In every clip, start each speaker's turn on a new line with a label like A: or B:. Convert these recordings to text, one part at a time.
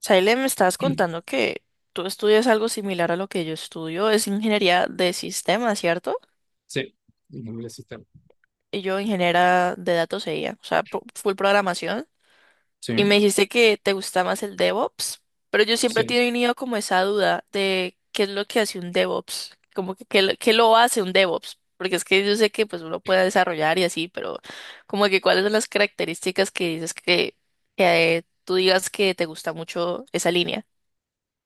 A: Saile, me estabas contando que tú estudias algo similar a lo que yo estudio, es ingeniería de sistemas, ¿cierto?
B: Sí, ingeniería de sistema.
A: Y yo ingeniera de datos e IA, o sea, full programación. Y me
B: Sí,
A: dijiste que te gusta más el DevOps, pero yo siempre he
B: sí.
A: tenido como esa duda de qué es lo que hace un DevOps, como que qué lo hace un DevOps, porque es que yo sé que pues uno puede desarrollar y así, pero como que cuáles son las características que dices que tú digas que te gusta mucho esa línea.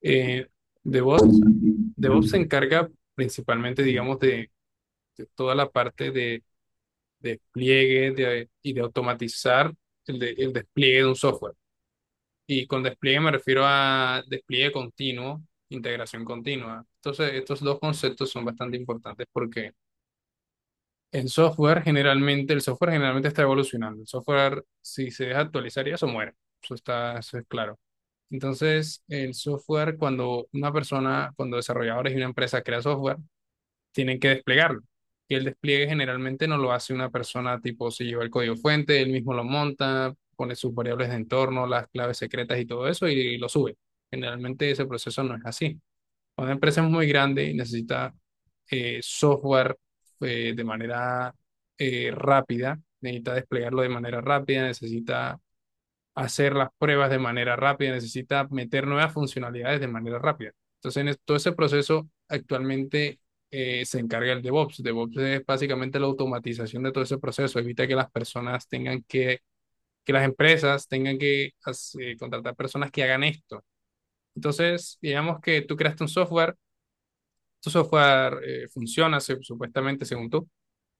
B: Eh, DevOps, DevOps se encarga principalmente, digamos, de toda la parte de despliegue y de automatizar el despliegue de un software. Y con despliegue me refiero a despliegue continuo, integración continua. Entonces, estos dos conceptos son bastante importantes porque el software generalmente está evolucionando. El software, si se deja actualizar, ya se muere. Eso es claro. Entonces, el software, cuando desarrolladores y una empresa crea software, tienen que desplegarlo. Y el despliegue generalmente no lo hace una persona tipo si lleva el código fuente, él mismo lo monta, pone sus variables de entorno, las claves secretas y todo eso y lo sube. Generalmente ese proceso no es así. Cuando una empresa es muy grande y necesita software de manera rápida, necesita desplegarlo de manera rápida, necesita hacer las pruebas de manera rápida, necesita meter nuevas funcionalidades de manera rápida. Entonces, en todo ese proceso actualmente se encarga el DevOps. DevOps es básicamente la automatización de todo ese proceso, evita que las personas tengan que las empresas tengan que contratar personas que hagan esto. Entonces, digamos que tú creaste un software, tu software funciona supuestamente según tú,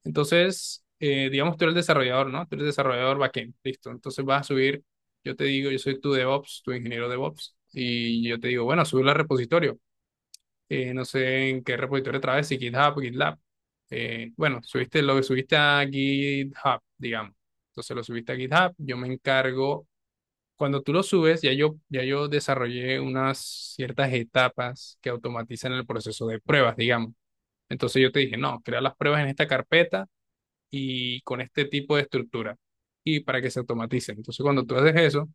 B: entonces, digamos, tú eres el desarrollador, ¿no? Tú eres desarrollador backend, listo. Entonces vas a subir, yo te digo, yo soy tu DevOps, tu ingeniero DevOps, y yo te digo, bueno, subirlo al repositorio. No sé en qué repositorio traes, si GitHub, GitLab. Bueno, lo subiste a GitHub, digamos. Entonces lo subiste a GitHub, yo me encargo. Cuando tú lo subes, ya yo desarrollé unas ciertas etapas que automatizan el proceso de pruebas, digamos. Entonces yo te dije, no, crea las pruebas en esta carpeta y con este tipo de estructura y para que se automaticen. Entonces, cuando tú haces eso,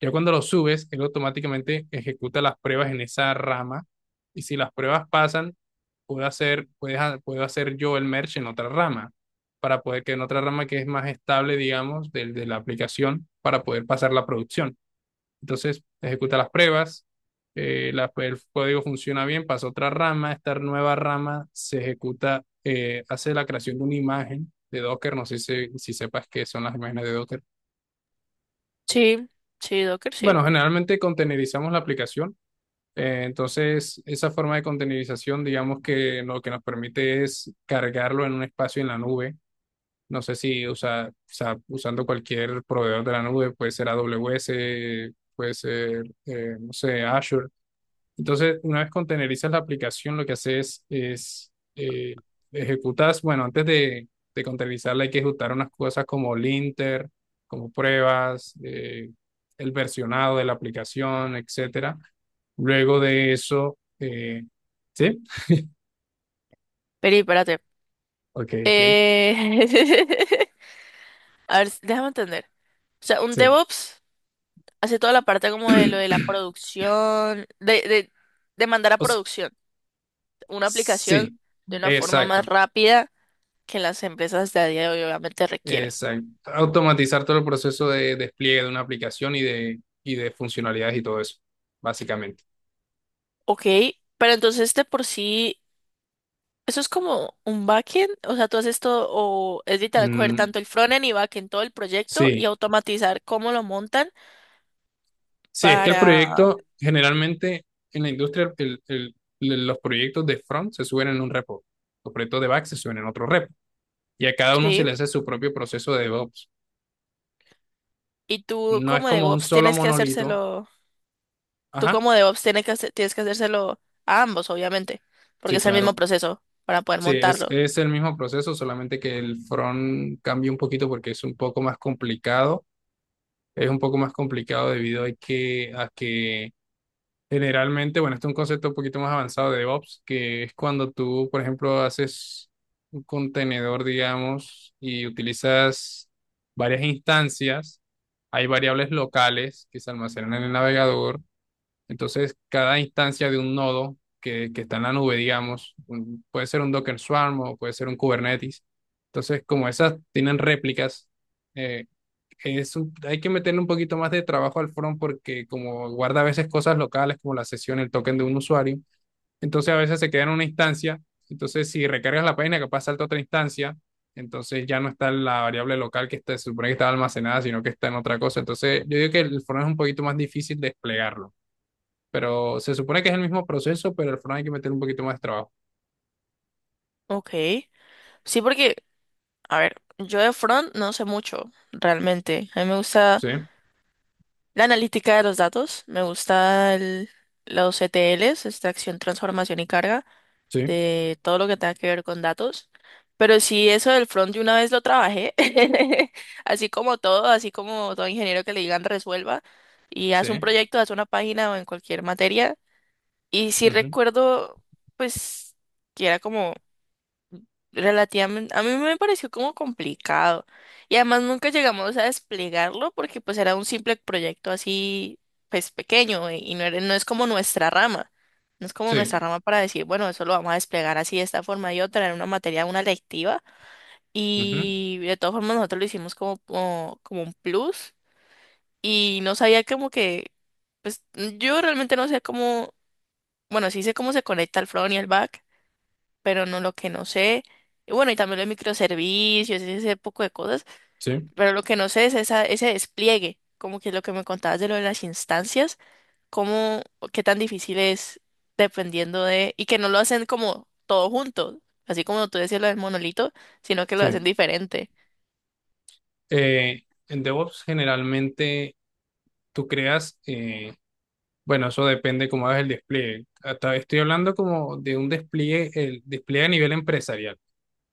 B: ya cuando lo subes, él automáticamente ejecuta las pruebas en esa rama y si las pruebas pasan, puedo hacer yo el merge en otra rama para poder que en otra rama que es más estable, digamos, del de la aplicación, para poder pasar la producción. Entonces ejecuta las pruebas, el código funciona bien, pasa a otra rama, esta nueva rama se ejecuta, hace la creación de una imagen de Docker, no sé si sepas qué son las imágenes de Docker.
A: Sí, sí, Docker, sí.
B: Bueno, generalmente containerizamos la aplicación, entonces esa forma de containerización, digamos que lo que nos permite es cargarlo en un espacio en la nube. No sé si usa, o sea, usando cualquier proveedor de la nube, puede ser AWS, puede ser, no sé, Azure. Entonces, una vez containerizas la aplicación, lo que haces es, ejecutas, bueno, antes de containerizarla hay que ejecutar unas cosas como linter, como pruebas, el versionado de la aplicación, etcétera. Luego de eso, ¿sí?
A: Peri, espérate.
B: Ok, ok,
A: Eh... A ver, déjame entender. O sea, un
B: sí.
A: DevOps hace toda la parte como de lo de la producción, de mandar a
B: O s-
A: producción una aplicación
B: sí,
A: de una forma más
B: exacto,
A: rápida que las empresas de a día de hoy obviamente requieren.
B: exacto. Automatizar todo el proceso de despliegue de una aplicación y de funcionalidades y todo eso, básicamente.
A: Ok, pero entonces de por sí, eso es como un backend, o sea, tú haces todo, o es vital coger
B: Mm,
A: tanto el frontend y backend, todo el proyecto y
B: sí.
A: automatizar cómo lo montan
B: Sí, es que el
A: para,
B: proyecto, generalmente en la industria, los proyectos de front se suben en un repo, los proyectos de back se suben en otro repo, y a cada uno se
A: sí.
B: le hace su propio proceso de DevOps.
A: Y tú
B: No es
A: como
B: como un
A: DevOps
B: solo
A: tienes que
B: monolito.
A: hacérselo, tú
B: Ajá,
A: como DevOps tienes que, tienes que hacérselo a ambos, obviamente, porque
B: sí,
A: es el mismo
B: claro.
A: proceso para poder
B: Sí, es,
A: montarlo.
B: es el mismo proceso, solamente que el front cambia un poquito porque es un poco más complicado. Es un poco más complicado debido a que generalmente, bueno, este es un concepto un poquito más avanzado de DevOps, que es cuando tú, por ejemplo, haces un contenedor, digamos, y utilizas varias instancias. Hay variables locales que se almacenan en el navegador. Entonces, cada instancia de un nodo que está en la nube, digamos, puede ser un Docker Swarm o puede ser un Kubernetes. Entonces, como esas tienen réplicas, eh, hay que meterle un poquito más de trabajo al front porque como guarda a veces cosas locales como la sesión, el token de un usuario, entonces a veces se queda en una instancia, entonces si recargas la página capaz salta a otra instancia, entonces ya no está la variable local se supone que estaba almacenada, sino que está en otra cosa. Entonces yo digo que el front es un poquito más difícil desplegarlo, pero se supone que es el mismo proceso, pero el front hay que meter un poquito más de trabajo.
A: Ok. Sí, porque, a ver, yo de front no sé mucho, realmente. A mí me gusta
B: Sí,
A: la analítica de los datos, me gusta los ETLs, extracción, transformación y carga.
B: sí,
A: De todo lo que tenga que ver con datos. Pero sí, eso del front de una vez lo trabajé, así como todo ingeniero que le digan resuelva y haz un
B: sí,
A: proyecto, haz una página o en cualquier materia. Y sí
B: ujú,
A: recuerdo, pues, que era como relativamente, a mí me pareció como complicado. Y además nunca llegamos a desplegarlo porque pues era un simple proyecto así, pues pequeño y no, no es como nuestra rama. No es como nuestra
B: sí,
A: rama para decir, bueno, eso lo vamos a desplegar así de esta forma y otra, en una materia, una lectiva.
B: ujú,
A: Y de todas formas nosotros lo hicimos como un plus y no sabía como que, pues yo realmente no sé cómo, bueno, sí sé cómo se conecta el front y el back pero no lo que no sé. Y bueno, y también los microservicios, ese poco de cosas,
B: sí,
A: pero lo que no sé es esa, ese despliegue, como que lo que me contabas de lo de las instancias, cómo, qué tan difícil es dependiendo de, y que no lo hacen como todo junto, así como tú decías lo del monolito, sino que lo hacen
B: sí.
A: diferente.
B: Eh, en DevOps generalmente tú creas, eh, bueno, eso depende cómo hagas el despliegue. Hasta estoy hablando como de un despliegue, el despliegue a nivel empresarial.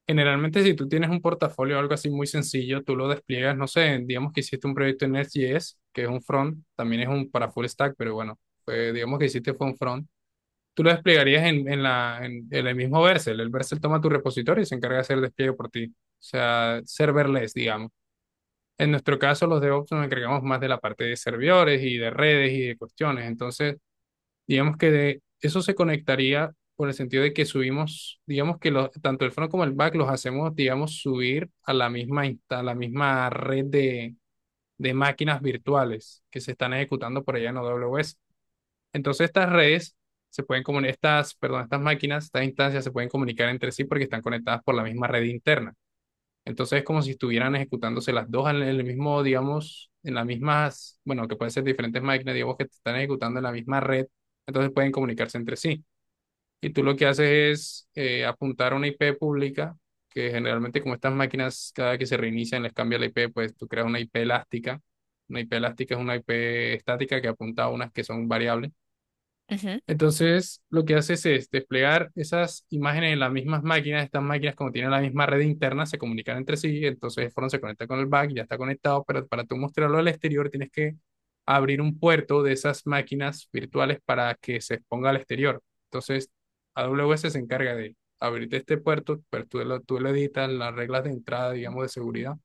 B: Generalmente, si tú tienes un portafolio o algo así muy sencillo, tú lo despliegas, no sé, digamos que hiciste un proyecto en Next.js, que es un front, también es un para full stack, pero bueno, pues digamos que hiciste fue un front. Tú lo desplegarías en el mismo Vercel. El Vercel toma tu repositorio y se encarga de hacer el despliegue por ti. O sea, serverless, digamos. En nuestro caso, los DevOps nos encargamos más de la parte de servidores y de redes y de cuestiones. Entonces, digamos que de eso se conectaría por el sentido de que subimos, digamos que tanto el front como el back los hacemos, digamos, subir a la misma red de máquinas virtuales que se están ejecutando por allá en AWS. Entonces, estas redes se pueden comunicar, perdón, estas máquinas, estas instancias se pueden comunicar entre sí porque están conectadas por la misma red interna. Entonces es como si estuvieran ejecutándose las dos en el mismo, digamos, en las mismas, bueno, que pueden ser diferentes máquinas, digamos, que están ejecutando en la misma red, entonces pueden comunicarse entre sí. Y tú lo que haces es apuntar a una IP pública, que generalmente como estas máquinas cada vez que se reinician les cambia la IP, pues tú creas una IP elástica. Una IP elástica es una IP estática que apunta a unas que son variables.
A: Ujú.
B: Entonces, lo que haces es desplegar esas imágenes en las mismas máquinas. Estas máquinas, como tienen la misma red interna, se comunican entre sí. Entonces, el front se conecta con el back, ya está conectado, pero para tú mostrarlo al exterior tienes que abrir un puerto de esas máquinas virtuales para que se exponga al exterior. Entonces, AWS se encarga de abrirte este puerto, pero tú lo editas las reglas de entrada, digamos, de seguridad.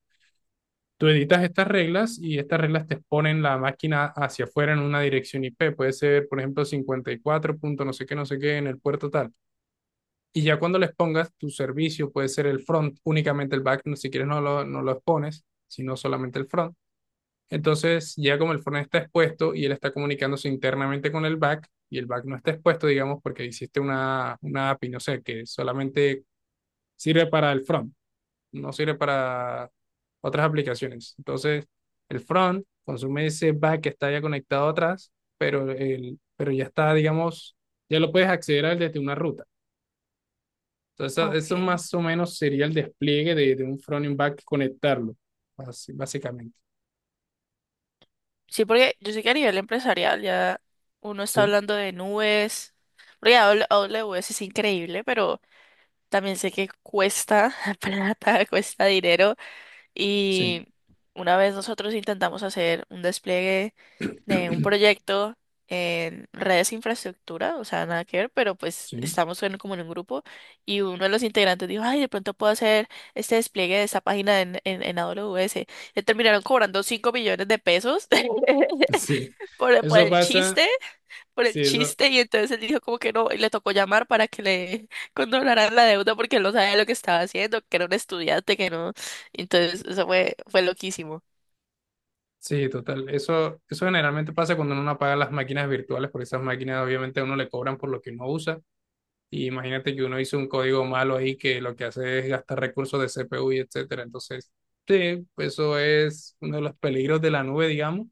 B: Tú editas estas reglas y estas reglas te exponen la máquina hacia afuera en una dirección IP. Puede ser, por ejemplo, 54 punto no sé qué, no sé qué en el puerto tal. Y ya cuando les pongas tu servicio, puede ser el front, únicamente el back, si quieres no lo expones, sino solamente el front. Entonces, ya como el front está expuesto y él está comunicándose internamente con el back, y el back no está expuesto, digamos, porque hiciste una API, no sé, que solamente sirve para el front no sirve para otras aplicaciones. Entonces, el front consume ese back que está ya conectado atrás, pero ya está, digamos, ya lo puedes acceder a él desde una ruta. Entonces, eso
A: Ok.
B: más o menos sería el despliegue de un front y un back conectarlo, básicamente.
A: Sí, porque yo sé que a nivel empresarial ya uno está
B: Sí,
A: hablando de nubes, porque AWS es increíble, pero también sé que cuesta plata, cuesta dinero
B: sí,
A: y una vez nosotros intentamos hacer un despliegue de un proyecto en redes de infraestructura, o sea, nada que ver, pero pues
B: sí,
A: estamos en, como en un grupo y uno de los integrantes dijo, ay, de pronto puedo hacer este despliegue de esta página en AWS. Le terminaron cobrando 5.000.000 de pesos.
B: sí.
A: por, el- por
B: Eso
A: el
B: pasa,
A: chiste, por el
B: sí, eso.
A: chiste, y entonces él dijo como que no, y le tocó llamar para que le condonaran la deuda porque él no sabía lo que estaba haciendo, que era un estudiante, que no. Entonces, eso fue, fue loquísimo.
B: Sí, total. Eso generalmente pasa cuando uno no apaga las máquinas virtuales, porque esas máquinas obviamente a uno le cobran por lo que uno usa. Y imagínate que uno hizo un código malo ahí que lo que hace es gastar recursos de CPU y etcétera. Entonces, sí, pues eso es uno de los peligros de la nube, digamos.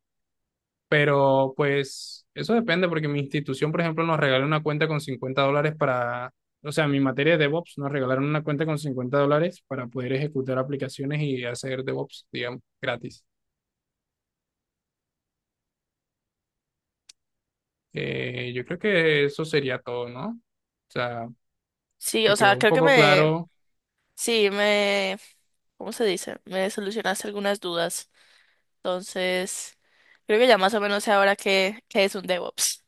B: Pero pues eso depende porque mi institución, por ejemplo, nos regaló una cuenta con $50 para, o sea, mi materia de DevOps nos regalaron una cuenta con $50 para poder ejecutar aplicaciones y hacer DevOps, digamos, gratis. Yo creo que eso sería todo, ¿no? O sea,
A: Sí,
B: te
A: o sea,
B: quedó un
A: creo que
B: poco
A: me,
B: claro
A: sí, me, ¿cómo se dice? Me solucionaste algunas dudas. Entonces, creo que ya más o menos sé ahora qué, qué es un DevOps.